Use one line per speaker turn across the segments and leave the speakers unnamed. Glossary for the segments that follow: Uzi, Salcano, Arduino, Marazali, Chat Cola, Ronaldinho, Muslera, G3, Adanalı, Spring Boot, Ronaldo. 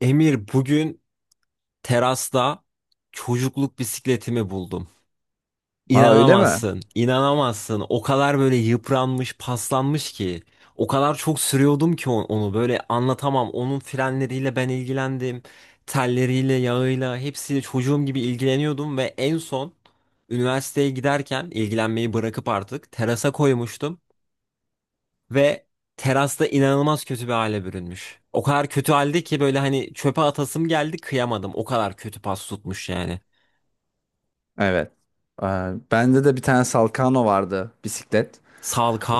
Emir bugün terasta çocukluk bisikletimi buldum.
Aa öyle mi?
İnanamazsın, inanamazsın. O kadar böyle yıpranmış, paslanmış ki. O kadar çok sürüyordum ki onu böyle anlatamam. Onun frenleriyle ben ilgilendim. Telleriyle, yağıyla hepsiyle çocuğum gibi ilgileniyordum ve en son üniversiteye giderken ilgilenmeyi bırakıp artık terasa koymuştum. Ve terasta inanılmaz kötü bir hale bürünmüş. O kadar kötü halde ki böyle hani çöpe atasım geldi, kıyamadım. O kadar kötü pas tutmuş yani.
Evet. Aa, bende de bir tane Salkano vardı bisiklet.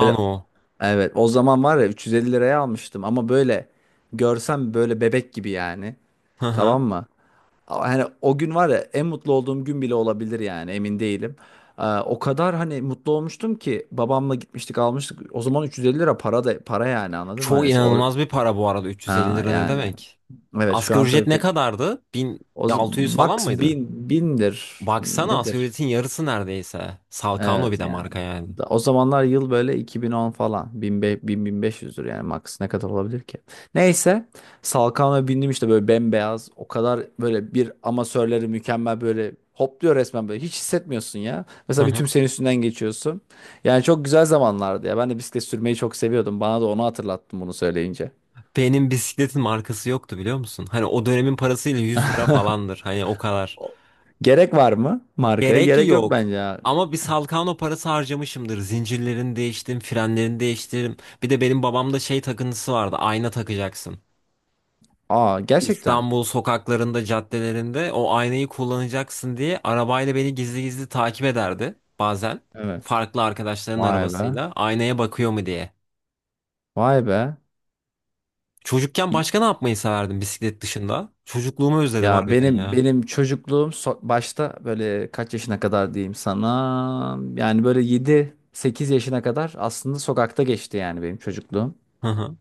Böyle evet o zaman var ya 350 liraya almıştım ama böyle görsem böyle bebek gibi yani.
Hı hı.
Tamam mı? Ama hani o gün var ya en mutlu olduğum gün bile olabilir yani emin değilim. Aa, o kadar hani mutlu olmuştum ki babamla gitmiştik almıştık. O zaman 350 lira para da para yani anladın mı?
Çok
Hani
inanılmaz bir para bu arada, 350
Aa,
lira ne
yani.
demek?
Evet şu
Asgari
an
ücret
tabii
ne
pek
kadardı?
o z-
1600 falan
max
mıydı?
bin bindir
Baksana, asgari
nedir?
ücretin yarısı neredeyse. Salcano bir
Evet
de
yani.
marka yani.
O zamanlar yıl böyle 2010 falan. 1000-1500'dür yani max ne kadar olabilir ki? Neyse. Salkan'a bindim işte böyle bembeyaz. O kadar böyle bir amatörleri mükemmel böyle hopluyor resmen böyle. Hiç hissetmiyorsun ya.
Hı
Mesela bir
hı.
tüm senin üstünden geçiyorsun. Yani çok güzel zamanlardı ya. Ben de bisiklet sürmeyi çok seviyordum. Bana da onu hatırlattın bunu söyleyince.
Benim bisikletin markası yoktu biliyor musun? Hani o dönemin parasıyla 100 lira falandır. Hani o kadar.
O- Gerek var mı markaya?
Gerek
Gerek yok
yok.
bence ya.
Ama bir Salkano parası harcamışımdır. Zincirlerini değiştim, frenlerini değiştirdim. Bir de benim babamda şey takıntısı vardı. Ayna takacaksın.
Aa, gerçekten.
İstanbul sokaklarında, caddelerinde o aynayı kullanacaksın diye arabayla beni gizli gizli takip ederdi bazen.
Evet.
Farklı arkadaşların
Vay be.
arabasıyla aynaya bakıyor mu diye.
Vay be.
Çocukken başka ne yapmayı severdim bisiklet dışında? Çocukluğumu özledim
Ya
harbiden
benim
ya.
benim çocukluğum başta böyle kaç yaşına kadar diyeyim sana yani böyle yedi sekiz yaşına kadar aslında sokakta geçti yani benim çocukluğum.
Hı hı,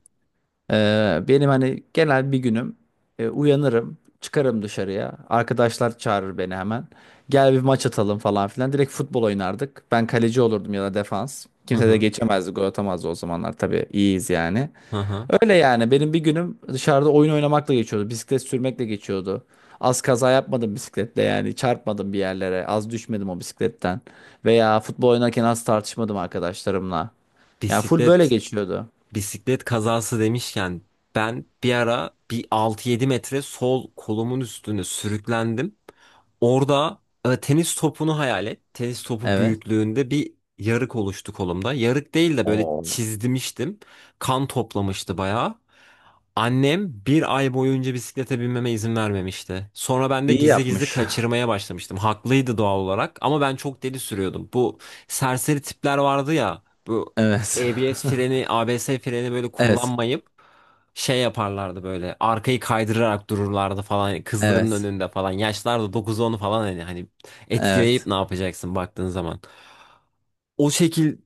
Benim hani genel bir günüm, uyanırım çıkarım dışarıya arkadaşlar çağırır beni hemen gel bir maç atalım falan filan direkt futbol oynardık ben kaleci olurdum ya da defans
hı
kimse de
hı,
geçemezdi gol atamazdı o zamanlar tabii iyiyiz yani.
hı hı.
Öyle yani. Benim bir günüm dışarıda oyun oynamakla geçiyordu. Bisiklet sürmekle geçiyordu. Az kaza yapmadım bisikletle yani. Çarpmadım bir yerlere. Az düşmedim o bisikletten. Veya futbol oynarken az tartışmadım arkadaşlarımla. Yani full böyle
Bisiklet
geçiyordu.
Bisiklet kazası demişken ben bir ara bir 6-7 metre sol kolumun üstüne sürüklendim. Orada, tenis topunu hayal et. Tenis topu
Evet.
büyüklüğünde bir yarık oluştu kolumda. Yarık değil de böyle
Oo.
çizdimiştim. Kan toplamıştı bayağı. Annem bir ay boyunca bisiklete binmeme izin vermemişti. Sonra ben de
İyi
gizli gizli
yapmış.
kaçırmaya başlamıştım. Haklıydı doğal olarak ama ben çok deli sürüyordum. Bu serseri tipler vardı ya. Bu
Evet.
ABS freni, böyle
Evet.
kullanmayıp şey yaparlardı böyle. Arkayı kaydırarak dururlardı falan. Kızların
Evet.
önünde falan. Yaşlar da 9-10 falan, hani etkileyip
Evet.
ne yapacaksın baktığın zaman. O şekil,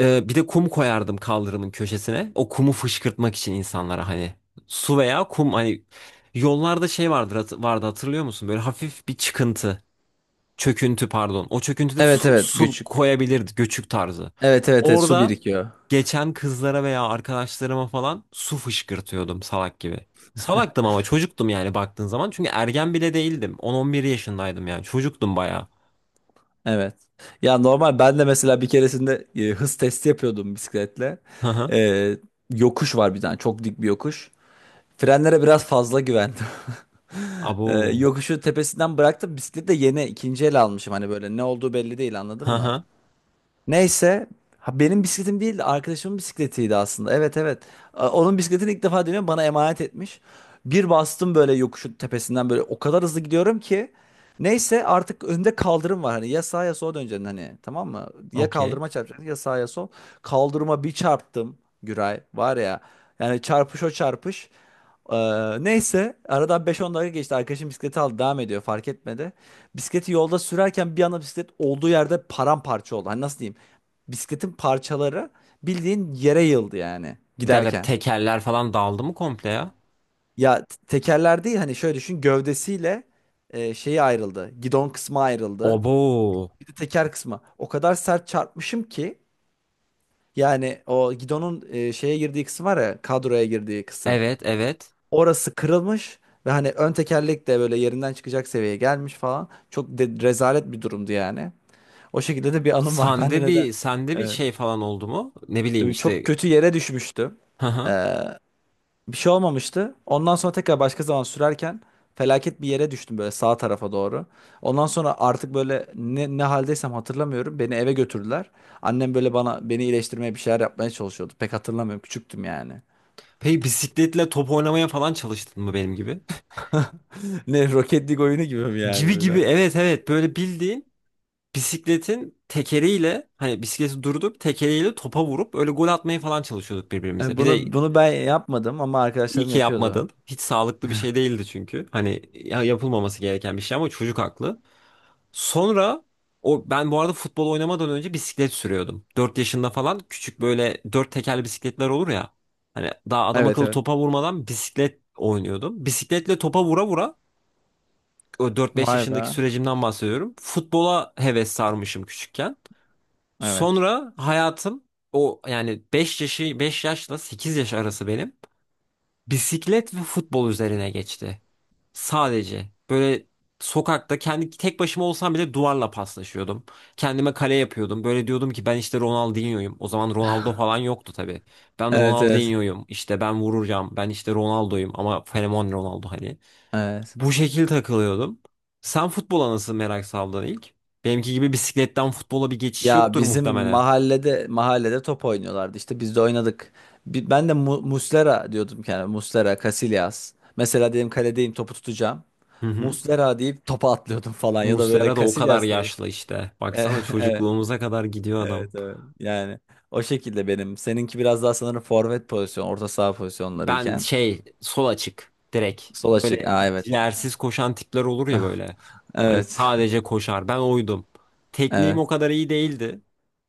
bir de kum koyardım kaldırımın köşesine. O kumu fışkırtmak için insanlara, hani su veya kum, hani yollarda şey vardır, vardı, hatırlıyor musun? Böyle hafif bir çıkıntı, çöküntü pardon. O çöküntüde
Evet
su,
evet
su
küçük.
koyabilirdi, göçük tarzı.
Evet evet evet su
Orada
birikiyor.
geçen kızlara veya arkadaşlarıma falan su fışkırtıyordum salak gibi. Salaktım ama çocuktum yani baktığın zaman. Çünkü ergen bile değildim. 10-11 yaşındaydım yani. Çocuktum bayağı.
Evet. Ya normal ben de mesela bir keresinde hız testi yapıyordum bisikletle.
Hı hı.
E, Yokuş var bir tane çok dik bir yokuş. Frenlere biraz fazla güvendim.
Abo.
Yokuşu tepesinden bıraktım. Bisikleti de yeni ikinci el almışım. Hani böyle ne olduğu belli değil
Hı
anladın mı?
hı.
Neyse, ha, benim bisikletim değildi arkadaşımın bisikletiydi aslında. Evet evet. Onun bisikletini ilk defa deniyorum bana emanet etmiş. Bir bastım böyle yokuşun tepesinden böyle o kadar hızlı gidiyorum ki. Neyse artık önde kaldırım var hani ya sağa ya sola döneceksin hani tamam mı? Ya
Okey.
kaldırıma çarpacaksın ya sağa ya sol. Kaldırıma bir çarptım Güray var ya yani çarpış o çarpış. Ee, Neyse aradan beş on dakika geçti arkadaşım bisikleti aldı devam ediyor fark etmedi. Bisikleti yolda sürerken bir anda bisiklet olduğu yerde paramparça oldu. Hani nasıl diyeyim? Bisikletin parçaları bildiğin yere yıldı yani
Bir dakika,
giderken.
tekerler falan daldı mı komple ya?
Ya tekerler değil hani şöyle düşün gövdesiyle, şeyi ayrıldı. Gidon kısmı ayrıldı.
Obo.
Bir de teker kısmı. O kadar sert çarpmışım ki yani o gidonun, şeye girdiği kısım var ya kadroya girdiği kısım.
Evet evet.
Orası kırılmış ve hani ön tekerlek de böyle yerinden çıkacak seviyeye gelmiş falan. Çok rezalet bir durumdu yani. O şekilde de bir anım var. Ben de neden?
Sende bir
Evet.
şey falan oldu mu? Ne bileyim
Çok
işte.
kötü yere düşmüştüm. E, Bir şey olmamıştı. Ondan sonra tekrar başka zaman sürerken felaket bir yere düştüm böyle sağ tarafa doğru. Ondan sonra artık böyle ne haldeysem hatırlamıyorum. Beni eve götürdüler. Annem böyle bana beni iyileştirmeye bir şeyler yapmaya çalışıyordu. Pek hatırlamıyorum. Küçüktüm yani.
Peki bisikletle top oynamaya falan çalıştın mı benim gibi?
Ne Rocket League oyunu gibi mi yani
Gibi gibi,
böyle?
evet evet, böyle bildiğin bisikletin tekeriyle, hani bisikleti durdurup tekeriyle topa vurup öyle gol atmaya falan çalışıyorduk birbirimize. Bir de
Bunu ben yapmadım ama
iyi
arkadaşlarım
ki
yapıyordu.
yapmadın. Hiç sağlıklı bir şey değildi çünkü. Hani yapılmaması gereken bir şey ama çocuk haklı. Sonra, o, ben bu arada futbol oynamadan önce bisiklet sürüyordum. 4 yaşında falan, küçük böyle 4 tekerli bisikletler olur ya. Hani daha adam
Evet
akıllı
evet.
topa vurmadan bisiklet oynuyordum. Bisikletle topa vura vura o 4-5
Vay
yaşındaki
be.
sürecimden bahsediyorum. Futbola heves sarmışım küçükken.
Evet.
Sonra hayatım, o yani, 5 yaşla 8 yaş arası benim bisiklet ve futbol üzerine geçti. Sadece böyle sokakta kendi tek başıma olsam bile duvarla paslaşıyordum. Kendime kale yapıyordum. Böyle diyordum ki ben işte Ronaldinho'yum. O zaman Ronaldo falan yoktu tabii. Ben
Evet evet.
Ronaldinho'yum. İşte ben vuracağım. Ben işte Ronaldo'yum ama fenomen Ronaldo hani.
Evet.
Bu şekil takılıyordum. Sen futbola nasıl merak saldın ilk? Benimki gibi bisikletten futbola bir geçiş
Ya
yoktur
bizim
muhtemelen.
mahallede top oynuyorlardı. İşte biz de oynadık. Ben de Muslera diyordum yani. Muslera, Casillas. Mesela dedim kaledeyim topu tutacağım.
Hı hı.
Muslera deyip topa atlıyordum falan ya da böyle
Muslera da o kadar
Casillas diye.
yaşlı işte.
Evet,
Baksana
evet,
çocukluğumuza kadar gidiyor
evet.
adam.
Evet. Yani o şekilde benim. Seninki biraz daha sanırım forvet pozisyon, orta saha
Ben
pozisyonlarıyken.
şey sol açık direkt.
Sol açık.
Böyle
Aa, evet.
ciğersiz koşan tipler olur ya böyle. Hani
Evet.
sadece koşar. Ben oydum. Tekniğim
Evet.
o kadar iyi değildi.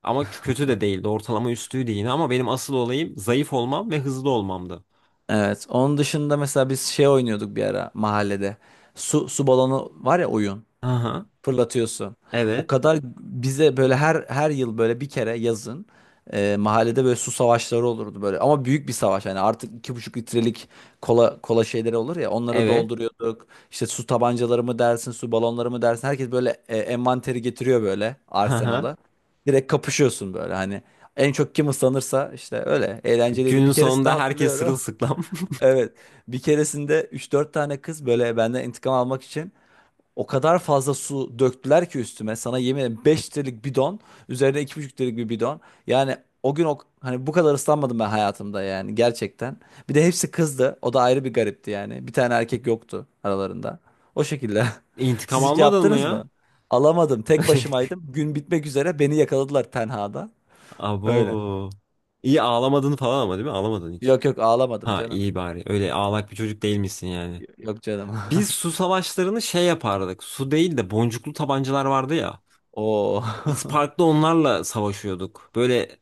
Ama kötü de değildi. Ortalama üstüydü yine, ama benim asıl olayım zayıf olmam ve hızlı olmamdı.
Evet. Onun dışında mesela biz şey oynuyorduk bir ara mahallede. Su balonu var ya oyun.
Aha.
Fırlatıyorsun. O
Evet.
kadar bize böyle her yıl böyle bir kere yazın, mahallede böyle su savaşları olurdu böyle. Ama büyük bir savaş yani artık 2,5 litrelik kola şeyleri olur ya onları
Evet.
dolduruyorduk. İşte su tabancaları mı dersin, su balonları mı dersin. Herkes böyle, envanteri getiriyor böyle arsenalı. Direkt kapışıyorsun böyle hani. En çok kim ıslanırsa işte öyle eğlenceliydi.
Günün
Bir keresinde
sonunda herkes
hatırlıyorum.
sırılsıklam.
Evet. Bir keresinde üç dört tane kız böyle benden intikam almak için o kadar fazla su döktüler ki üstüme. Sana yemin ederim 5 litrelik bidon. Üzerine 2,5 litrelik bir bidon. Yani o gün, hani bu kadar ıslanmadım ben hayatımda yani gerçekten. Bir de hepsi kızdı. O da ayrı bir garipti yani. Bir tane erkek yoktu aralarında. O şekilde.
İntikam
Siz hiç
almadın mı
yaptınız mı?
ya?
Alamadım. Tek başımaydım. Gün bitmek üzere beni yakaladılar tenhada. Öyle.
Abo. İyi ağlamadın falan ama, değil mi? Ağlamadın hiç.
Yok yok ağlamadım
Ha
canım.
iyi bari. Öyle ağlak bir çocuk değilmişsin yani.
Yok canım.
Biz su savaşlarını şey yapardık. Su değil de boncuklu tabancalar vardı ya.
Oo.
Biz parkta onlarla savaşıyorduk. Böyle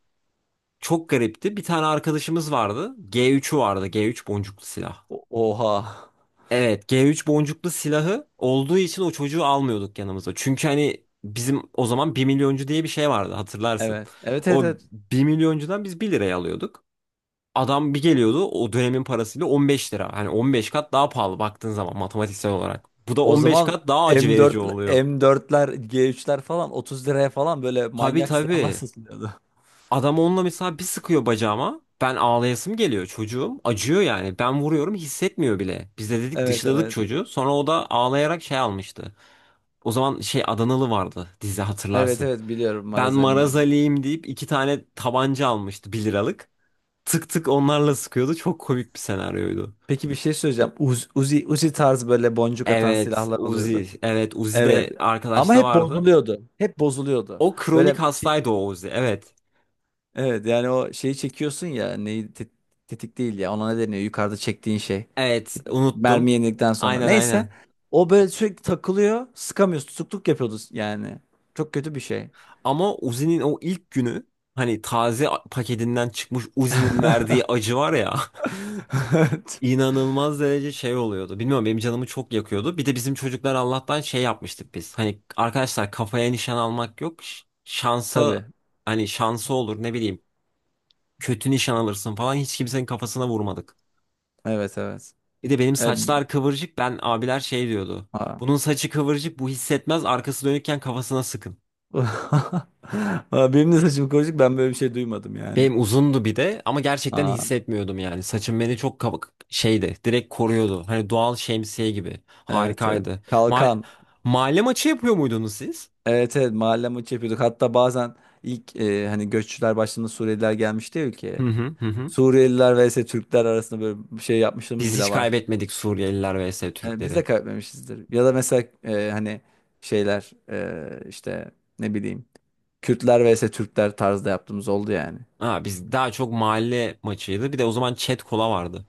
çok garipti. Bir tane arkadaşımız vardı. G3'ü vardı. G3 boncuklu silah.
Oha.
Evet, G3 boncuklu silahı olduğu için o çocuğu almıyorduk yanımıza. Çünkü hani bizim o zaman bir milyoncu diye bir şey vardı, hatırlarsın.
Evet. Evet evet
O
evet.
bir milyoncudan biz bir liraya alıyorduk. Adam bir geliyordu o dönemin parasıyla 15 lira. Hani 15 kat daha pahalı baktığın zaman, matematiksel olarak. Bu da
O
15
zaman
kat daha acı verici
M4
oluyor.
M4'ler, G3'ler falan 30 liraya falan böyle
Tabii
manyak silahlar
tabii.
satılıyordu.
Adam onunla mesela bir sıkıyor bacağıma. Ben ağlayasım geliyor çocuğum. Acıyor yani. Ben vuruyorum, hissetmiyor bile. Biz de dedik,
Evet
dışladık
evet.
çocuğu. Sonra o da ağlayarak şey almıştı. O zaman şey Adanalı vardı dizi,
Evet
hatırlarsın.
evet biliyorum
Ben
Marazali'nin oyunu.
Marazali'yim deyip 2 tane tabanca almıştı, 1 liralık. Tık tık onlarla sıkıyordu. Çok komik bir senaryoydu.
Peki bir şey söyleyeceğim. Uzi tarzı böyle boncuk atan
Evet
silahlar oluyordu.
Uzi. Evet Uzi
Evet.
de
Ama
arkadaşta
hep
vardı.
bozuluyordu. Hep bozuluyordu.
O
Böyle
kronik hastaydı o Uzi. Evet.
evet yani o şeyi çekiyorsun ya neyi tetik değil ya ona ne deniyor yukarıda çektiğin şey.
Evet
Mermi
unuttum.
yenildikten sonra.
Aynen
Neyse.
aynen.
O böyle sürekli takılıyor. Sıkamıyorsun. Tutukluk yapıyordu yani. Çok kötü bir şey.
Ama Uzi'nin o ilk günü, hani taze paketinden çıkmış Uzi'nin verdiği acı var ya.
Evet,
inanılmaz derece şey oluyordu. Bilmiyorum, benim canımı çok yakıyordu. Bir de bizim çocuklar Allah'tan şey yapmıştık biz. Hani arkadaşlar, kafaya nişan almak yok. Şansa,
tabii.
hani şansı olur, ne bileyim. Kötü nişan alırsın falan, hiç kimsenin kafasına vurmadık.
Evet evet.
Bir de benim
E,
saçlar kıvırcık, ben, abiler şey diyordu.
Aa.
Bunun saçı kıvırcık, bu hissetmez, arkası dönükken kafasına sıkın.
Aa, benim de saçım kıvırcık ben böyle bir şey duymadım yani.
Benim uzundu bir de ama gerçekten
Aa,
hissetmiyordum yani. Saçım beni çok kabuk şeydi. Direkt koruyordu. Hani doğal şemsiye gibi.
evet evet.
Harikaydı. Ma-
Kalkan.
Mahalle maçı yapıyor muydunuz siz?
Evet evet mahalle maçı yapıyorduk. Hatta bazen ilk, hani göççüler başladığında Suriyeliler gelmişti ya
Hı
ülkeye.
hı hı. Hı.
Suriyeliler vs Türkler arasında böyle bir şey yapmışlığımız
Biz
bile
hiç
var.
kaybetmedik, Suriyeliler vs
Yani biz
Türkleri.
de kaybetmemişizdir. Ya da mesela, hani şeyler, işte ne bileyim Kürtler vs Türkler tarzda yaptığımız oldu yani.
Ha, biz daha çok mahalle maçıydı. Bir de o zaman Chat Cola vardı.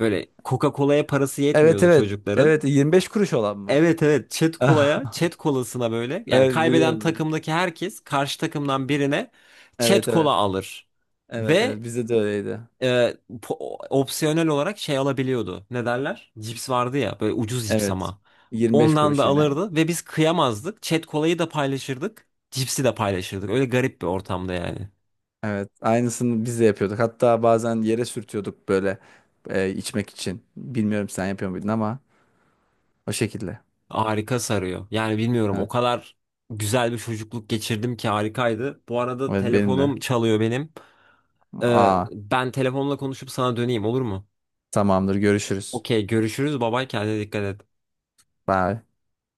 Böyle Coca-Cola'ya parası
Evet
yetmiyordu
evet.
çocukların.
Evet 25 kuruş olan mı?
Evet evet, Chat Cola'ya, Chat Cola'sına böyle, yani
Evet
kaybeden
biliyorum.
takımdaki herkes karşı takımdan birine
Evet
Chat Cola
evet.
alır.
Evet
Ve
evet bizde de öyleydi.
e, opsiyonel olarak şey alabiliyordu. Ne derler? Cips vardı ya, böyle ucuz cips
Evet.
ama.
25
Ondan da
kuruş yine.
alırdı ve biz kıyamazdık. Chat kolayı da paylaşırdık. Cipsi de paylaşırdık. Öyle garip bir ortamda yani.
Evet. Aynısını biz de yapıyorduk. Hatta bazen yere sürtüyorduk böyle, içmek için. Bilmiyorum sen yapıyor muydun ama o şekilde.
Harika sarıyor. Yani bilmiyorum, o
Evet.
kadar güzel bir çocukluk geçirdim ki, harikaydı. Bu arada
Evet benim de.
telefonum çalıyor benim.
Aa,
Ben telefonla konuşup sana döneyim, olur mu?
tamamdır görüşürüz.
Okey, görüşürüz. Babay, kendine dikkat et.
Bye.